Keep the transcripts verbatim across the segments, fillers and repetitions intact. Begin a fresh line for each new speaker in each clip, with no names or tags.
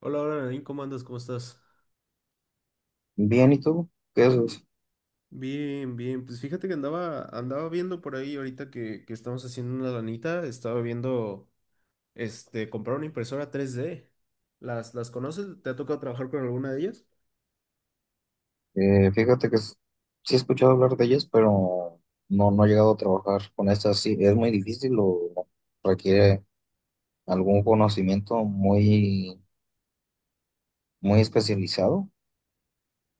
Hola, hola, Nadine, ¿cómo andas? ¿Cómo estás?
Bien, ¿y tú? ¿Qué haces?
Bien, bien. Pues fíjate que andaba, andaba viendo por ahí ahorita que, que estamos haciendo una lanita, estaba viendo, este, comprar una impresora tres d. ¿Las, las conoces? ¿Te ha tocado trabajar con alguna de ellas?
Eh, fíjate que s- sí he escuchado hablar de ellas, pero no, no he llegado a trabajar con estas. Sí, es muy difícil o requiere algún conocimiento muy, muy especializado.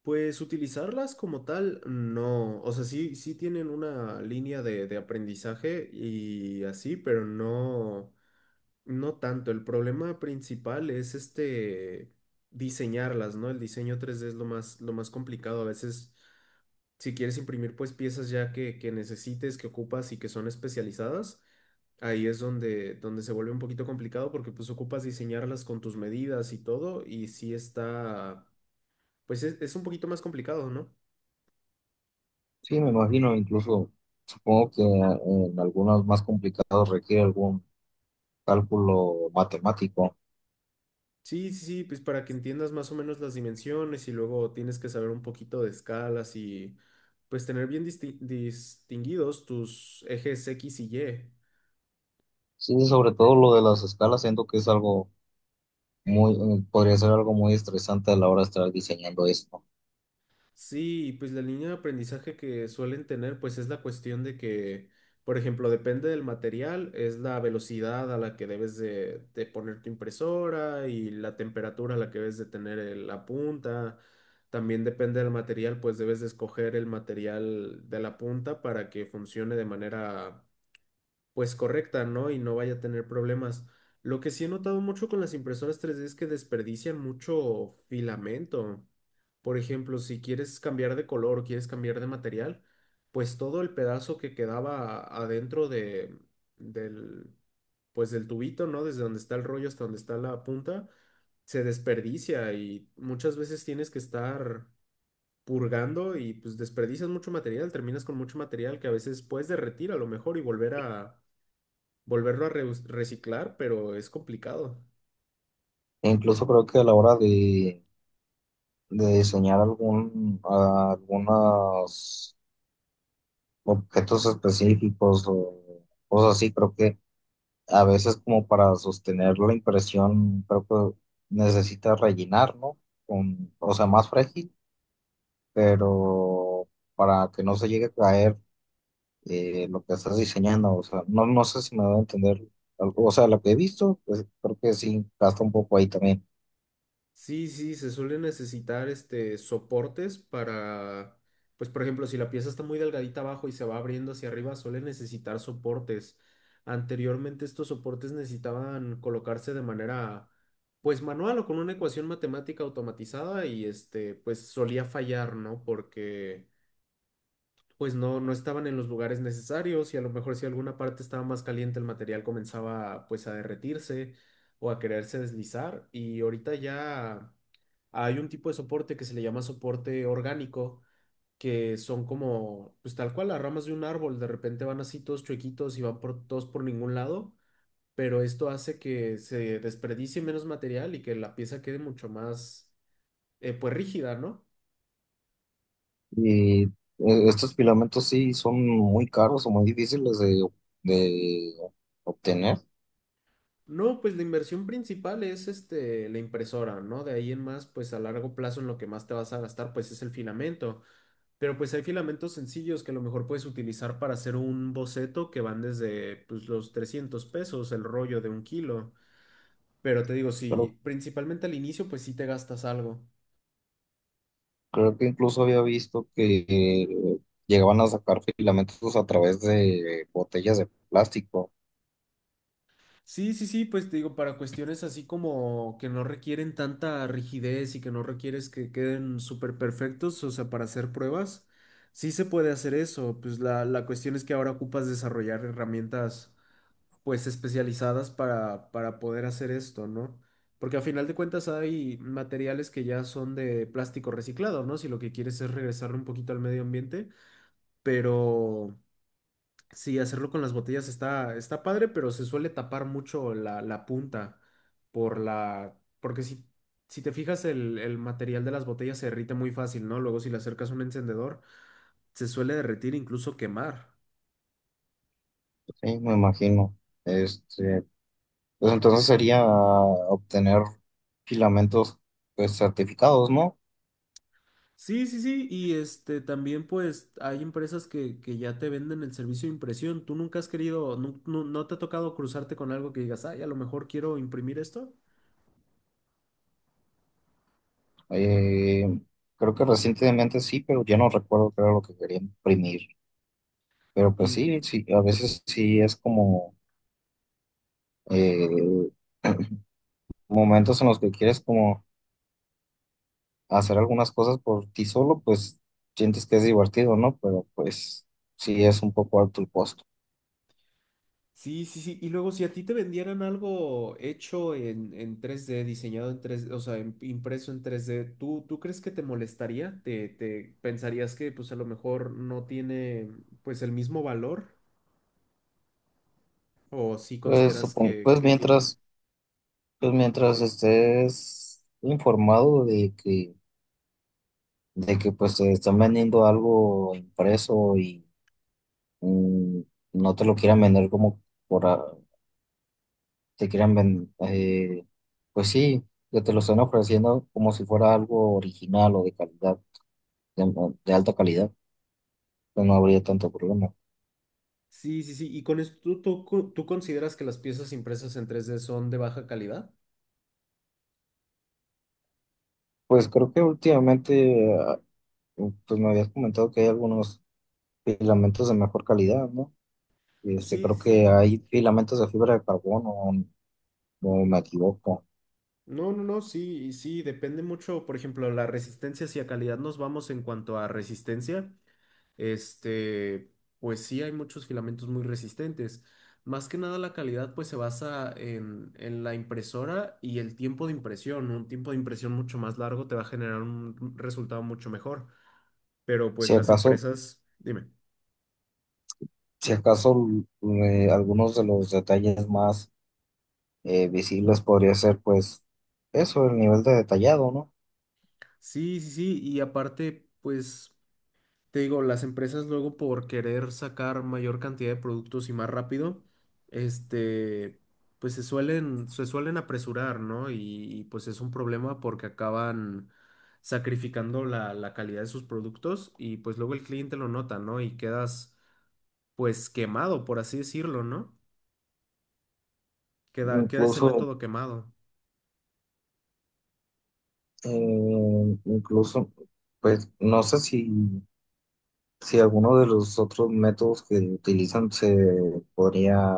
Pues utilizarlas como tal, no. O sea, sí, sí tienen una línea de, de aprendizaje y así, pero no, no tanto. El problema principal es este diseñarlas, ¿no? El diseño tres d es lo más, lo más complicado. A veces, si quieres imprimir pues piezas ya que, que necesites, que ocupas y que son especializadas, ahí es donde, donde se vuelve un poquito complicado porque pues ocupas diseñarlas con tus medidas y todo y sí está, pues es, es un poquito más complicado, ¿no?
Sí, me imagino, incluso supongo que en algunos más complicados requiere algún cálculo matemático.
Sí, sí, sí, pues para que entiendas más o menos las dimensiones y luego tienes que saber un poquito de escalas y pues tener bien disti- distinguidos tus ejes X y Y.
Sí, sobre todo lo de las escalas, siento que es algo muy, eh, podría ser algo muy estresante a la hora de estar diseñando esto.
Sí, y pues la línea de aprendizaje que suelen tener, pues es la cuestión de que, por ejemplo, depende del material, es la velocidad a la que debes de, de poner tu impresora y la temperatura a la que debes de tener el- la punta. También depende del material, pues debes de escoger el material de la punta para que funcione de manera pues correcta, ¿no? Y no vaya a tener problemas. Lo que sí he notado mucho con las impresoras tres D es que desperdician mucho filamento. Por ejemplo, si quieres cambiar de color, quieres cambiar de material, pues todo el pedazo que quedaba adentro de, del, pues del tubito, ¿no? Desde donde está el rollo hasta donde está la punta, se desperdicia y muchas veces tienes que estar purgando y pues desperdicias mucho material, terminas con mucho material que a veces puedes derretir a lo mejor y volver a volverlo a reus- reciclar, pero es complicado.
E incluso creo que a la hora de de diseñar algún, a- algunos objetos específicos o cosas así. Creo que a veces, como para sostener la impresión, creo que necesita rellenar, ¿no? Con, o sea, más frágil, pero para que no se llegue a caer eh, lo que estás diseñando. O sea, no, no sé si me voy a entender algo. O sea, lo que he visto, pues creo que sí, gasta un poco ahí también.
Sí, sí, se suelen necesitar este soportes para, pues por ejemplo, si la pieza está muy delgadita abajo y se va abriendo hacia arriba, suelen necesitar soportes. Anteriormente estos soportes necesitaban colocarse de manera, pues manual o con una ecuación matemática automatizada y este, pues solía fallar, ¿no? Porque pues no, no estaban en los lugares necesarios y a lo mejor si alguna parte estaba más caliente el material comenzaba pues a derretirse o a quererse deslizar y ahorita ya hay un tipo de soporte que se le llama soporte orgánico, que son como pues tal cual las ramas de un árbol, de repente van así todos chuequitos y van por, todos por ningún lado, pero esto hace que se desperdicie menos material y que la pieza quede mucho más eh, pues rígida, ¿no?
Y eh, estos filamentos sí son muy caros o muy difíciles de, de obtener,
No, pues la inversión principal es este, la impresora, ¿no? De ahí en más, pues a largo plazo en lo que más te vas a gastar, pues es el filamento. Pero pues hay filamentos sencillos que a lo mejor puedes utilizar para hacer un boceto que van desde pues los trescientos pesos, el rollo de un kilo. Pero te digo,
pero
si principalmente al inicio, pues sí te gastas algo.
creo que incluso había visto que eh, llegaban a sacar filamentos a través de botellas de plástico.
Sí, sí, sí, pues te digo, para cuestiones así como que no requieren tanta rigidez y que no requieres que queden súper perfectos, o sea, para hacer pruebas, sí se puede hacer eso. Pues la, la cuestión es que ahora ocupas desarrollar herramientas pues especializadas para, para poder hacer esto, ¿no? Porque a final de cuentas hay materiales que ya son de plástico reciclado, ¿no? Si lo que quieres es regresarle un poquito al medio ambiente, pero. Sí, hacerlo con las botellas está, está padre, pero se suele tapar mucho la, la punta por la, porque si, si te fijas el, el material de las botellas se derrite muy fácil, ¿no? Luego si le acercas un encendedor, se suele derretir, incluso quemar.
Sí, me imagino. Este, pues entonces sería obtener filamentos pues certificados, ¿no?
Sí, sí, sí, y este también pues hay empresas que, que ya te venden el servicio de impresión. ¿Tú nunca has querido, nu- nu- no, te ha tocado cruzarte con algo que digas, ay, a lo mejor quiero imprimir esto?
Eh, Creo que recientemente sí, pero ya no recuerdo qué era lo que quería imprimir. Pero pues sí, sí, a veces sí es como eh, momentos en los que quieres como hacer algunas cosas por ti solo, pues sientes que es divertido, ¿no? Pero pues sí es un poco alto el costo.
Sí, sí, sí. Y luego, si a ti te vendieran algo hecho en, en tres D, diseñado en tres D, o sea, en- impreso en tres D, ¿tú, tú crees que te molestaría? ¿Te, te pensarías que pues a lo mejor no tiene pues el mismo valor? ¿O sí
Pues
consideras
supon-
que,
pues
que tiene?
mientras, pues mientras estés informado de que, de que pues te están vendiendo algo impreso y mm, no te lo quieran vender como por, a- te quieran vender, pues sí, que te lo están ofreciendo como si fuera algo original o de calidad, de de alta calidad, pues no habría tanto problema.
Sí, sí, sí. ¿Y con esto tú, tú, co- tú consideras que las piezas impresas en tres D son de baja calidad?
Pues creo que últimamente, ah, pues me habías comentado que hay algunos filamentos de mejor calidad, ¿no? Este,
Sí,
creo
sí,
que
sí.
hay filamentos de fibra de carbono, o no me equivoco.
No, no, no, sí, y sí, depende mucho, por ejemplo, la resistencia, si a calidad nos vamos en cuanto a resistencia. Este, pues sí, hay muchos filamentos muy resistentes. Más que nada la calidad pues se basa en, en la impresora y el tiempo de impresión. Un tiempo de impresión mucho más largo te va a generar un resultado mucho mejor. Pero
Si
pues las
acaso,
empresas, dime.
si acaso eh, algunos de los detalles más eh, visibles podría ser, pues, eso, el nivel de detallado, ¿no?
Sí, sí, sí. Y aparte, pues. Te digo, las empresas luego por querer sacar mayor cantidad de productos y más rápido, este, pues se suelen, se suelen apresurar, ¿no? Y, y, pues es un problema porque acaban sacrificando la, la calidad de sus productos y pues luego el cliente lo nota, ¿no? Y quedas pues quemado, por así decirlo, ¿no? Queda, queda ese
Incluso,
método quemado.
eh, incluso, pues, no sé si. Si alguno de los otros métodos que utilizan se podría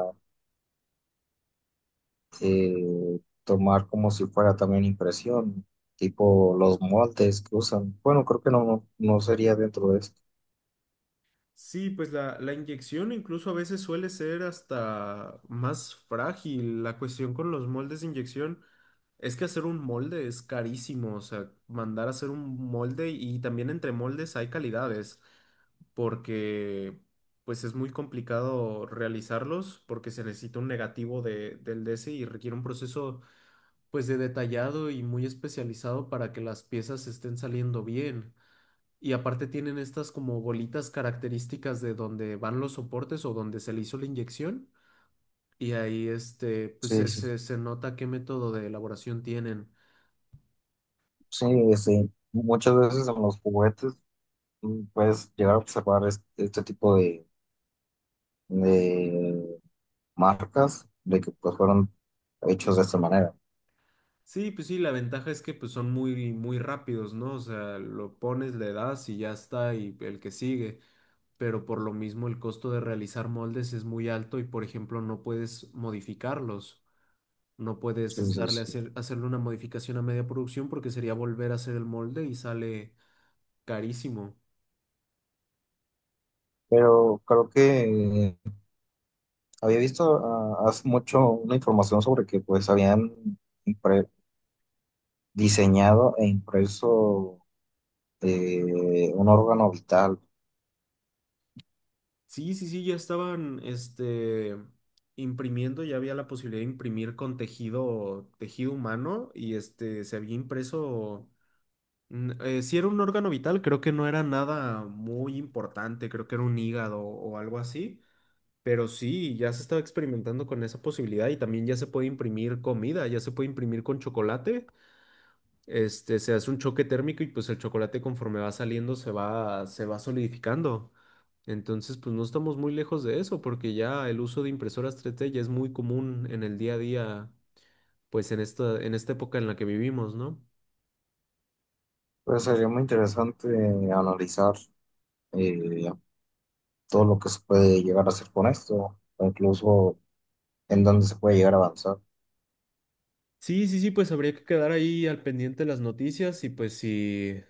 eh, tomar como si fuera también impresión, tipo los moldes que usan. Bueno, creo que no, no no sería dentro de esto.
Sí, pues la, la inyección incluso a veces suele ser hasta más frágil. La cuestión con los moldes de inyección es que hacer un molde es carísimo, o sea, mandar a hacer un molde y también entre moldes hay calidades, porque pues es muy complicado realizarlos porque se necesita un negativo de, del D C y requiere un proceso pues de detallado y muy especializado para que las piezas estén saliendo bien. Y aparte tienen estas como bolitas características de donde van los soportes o donde se le hizo la inyección. Y ahí este, pues
Sí,
se,
sí.
se- se nota qué método de elaboración tienen.
Sí, este, muchas veces en los juguetes mm, puedes llegar a observar es- este tipo de, de marcas de que pues fueron hechos de esta manera.
Sí, pues sí, la ventaja es que pues son muy, muy rápidos, ¿no? O sea, lo pones, le das y ya está, y el que sigue. Pero por lo mismo el costo de realizar moldes es muy alto y por ejemplo no puedes modificarlos. No puedes
Sí, sí,
estarle
sí.
hacer, hacerle una modificación a media producción porque sería volver a hacer el molde y sale carísimo.
Pero creo que había visto, ah, hace mucho una información sobre que pues habían impre- diseñado e impreso eh, un órgano vital.
Sí, sí, sí, ya estaban, este, imprimiendo, ya había la posibilidad de imprimir con tejido, tejido humano y este, se había impreso, mm, eh, si era un órgano vital, creo que no era nada muy importante, creo que era un hígado o algo así, pero sí, ya se estaba experimentando con esa posibilidad y también ya se puede imprimir comida, ya se puede imprimir con chocolate. este, se hace un choque térmico y pues el chocolate conforme va saliendo se va, se va solidificando. Entonces, pues no estamos muy lejos de eso, porque ya el uso de impresoras tres D ya es muy común en el día a día, pues en esta, en esta época en la que vivimos, ¿no?
Pues sería muy interesante analizar eh, todo lo que se puede llegar a hacer con esto, o incluso en dónde se puede llegar a avanzar.
Sí, sí, sí, pues habría que quedar ahí al pendiente de las noticias y pues si,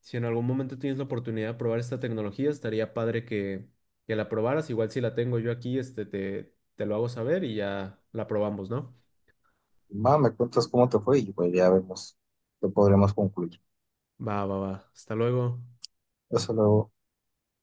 si en algún momento tienes la oportunidad de probar esta tecnología, estaría padre que, que la probaras. Igual si la tengo yo aquí, este, te, te lo hago saber y ya la probamos, ¿no?
Va, me cuentas cómo te fue y pues ya vemos qué podremos concluir.
Va, va, va. Hasta luego.
Hasta luego.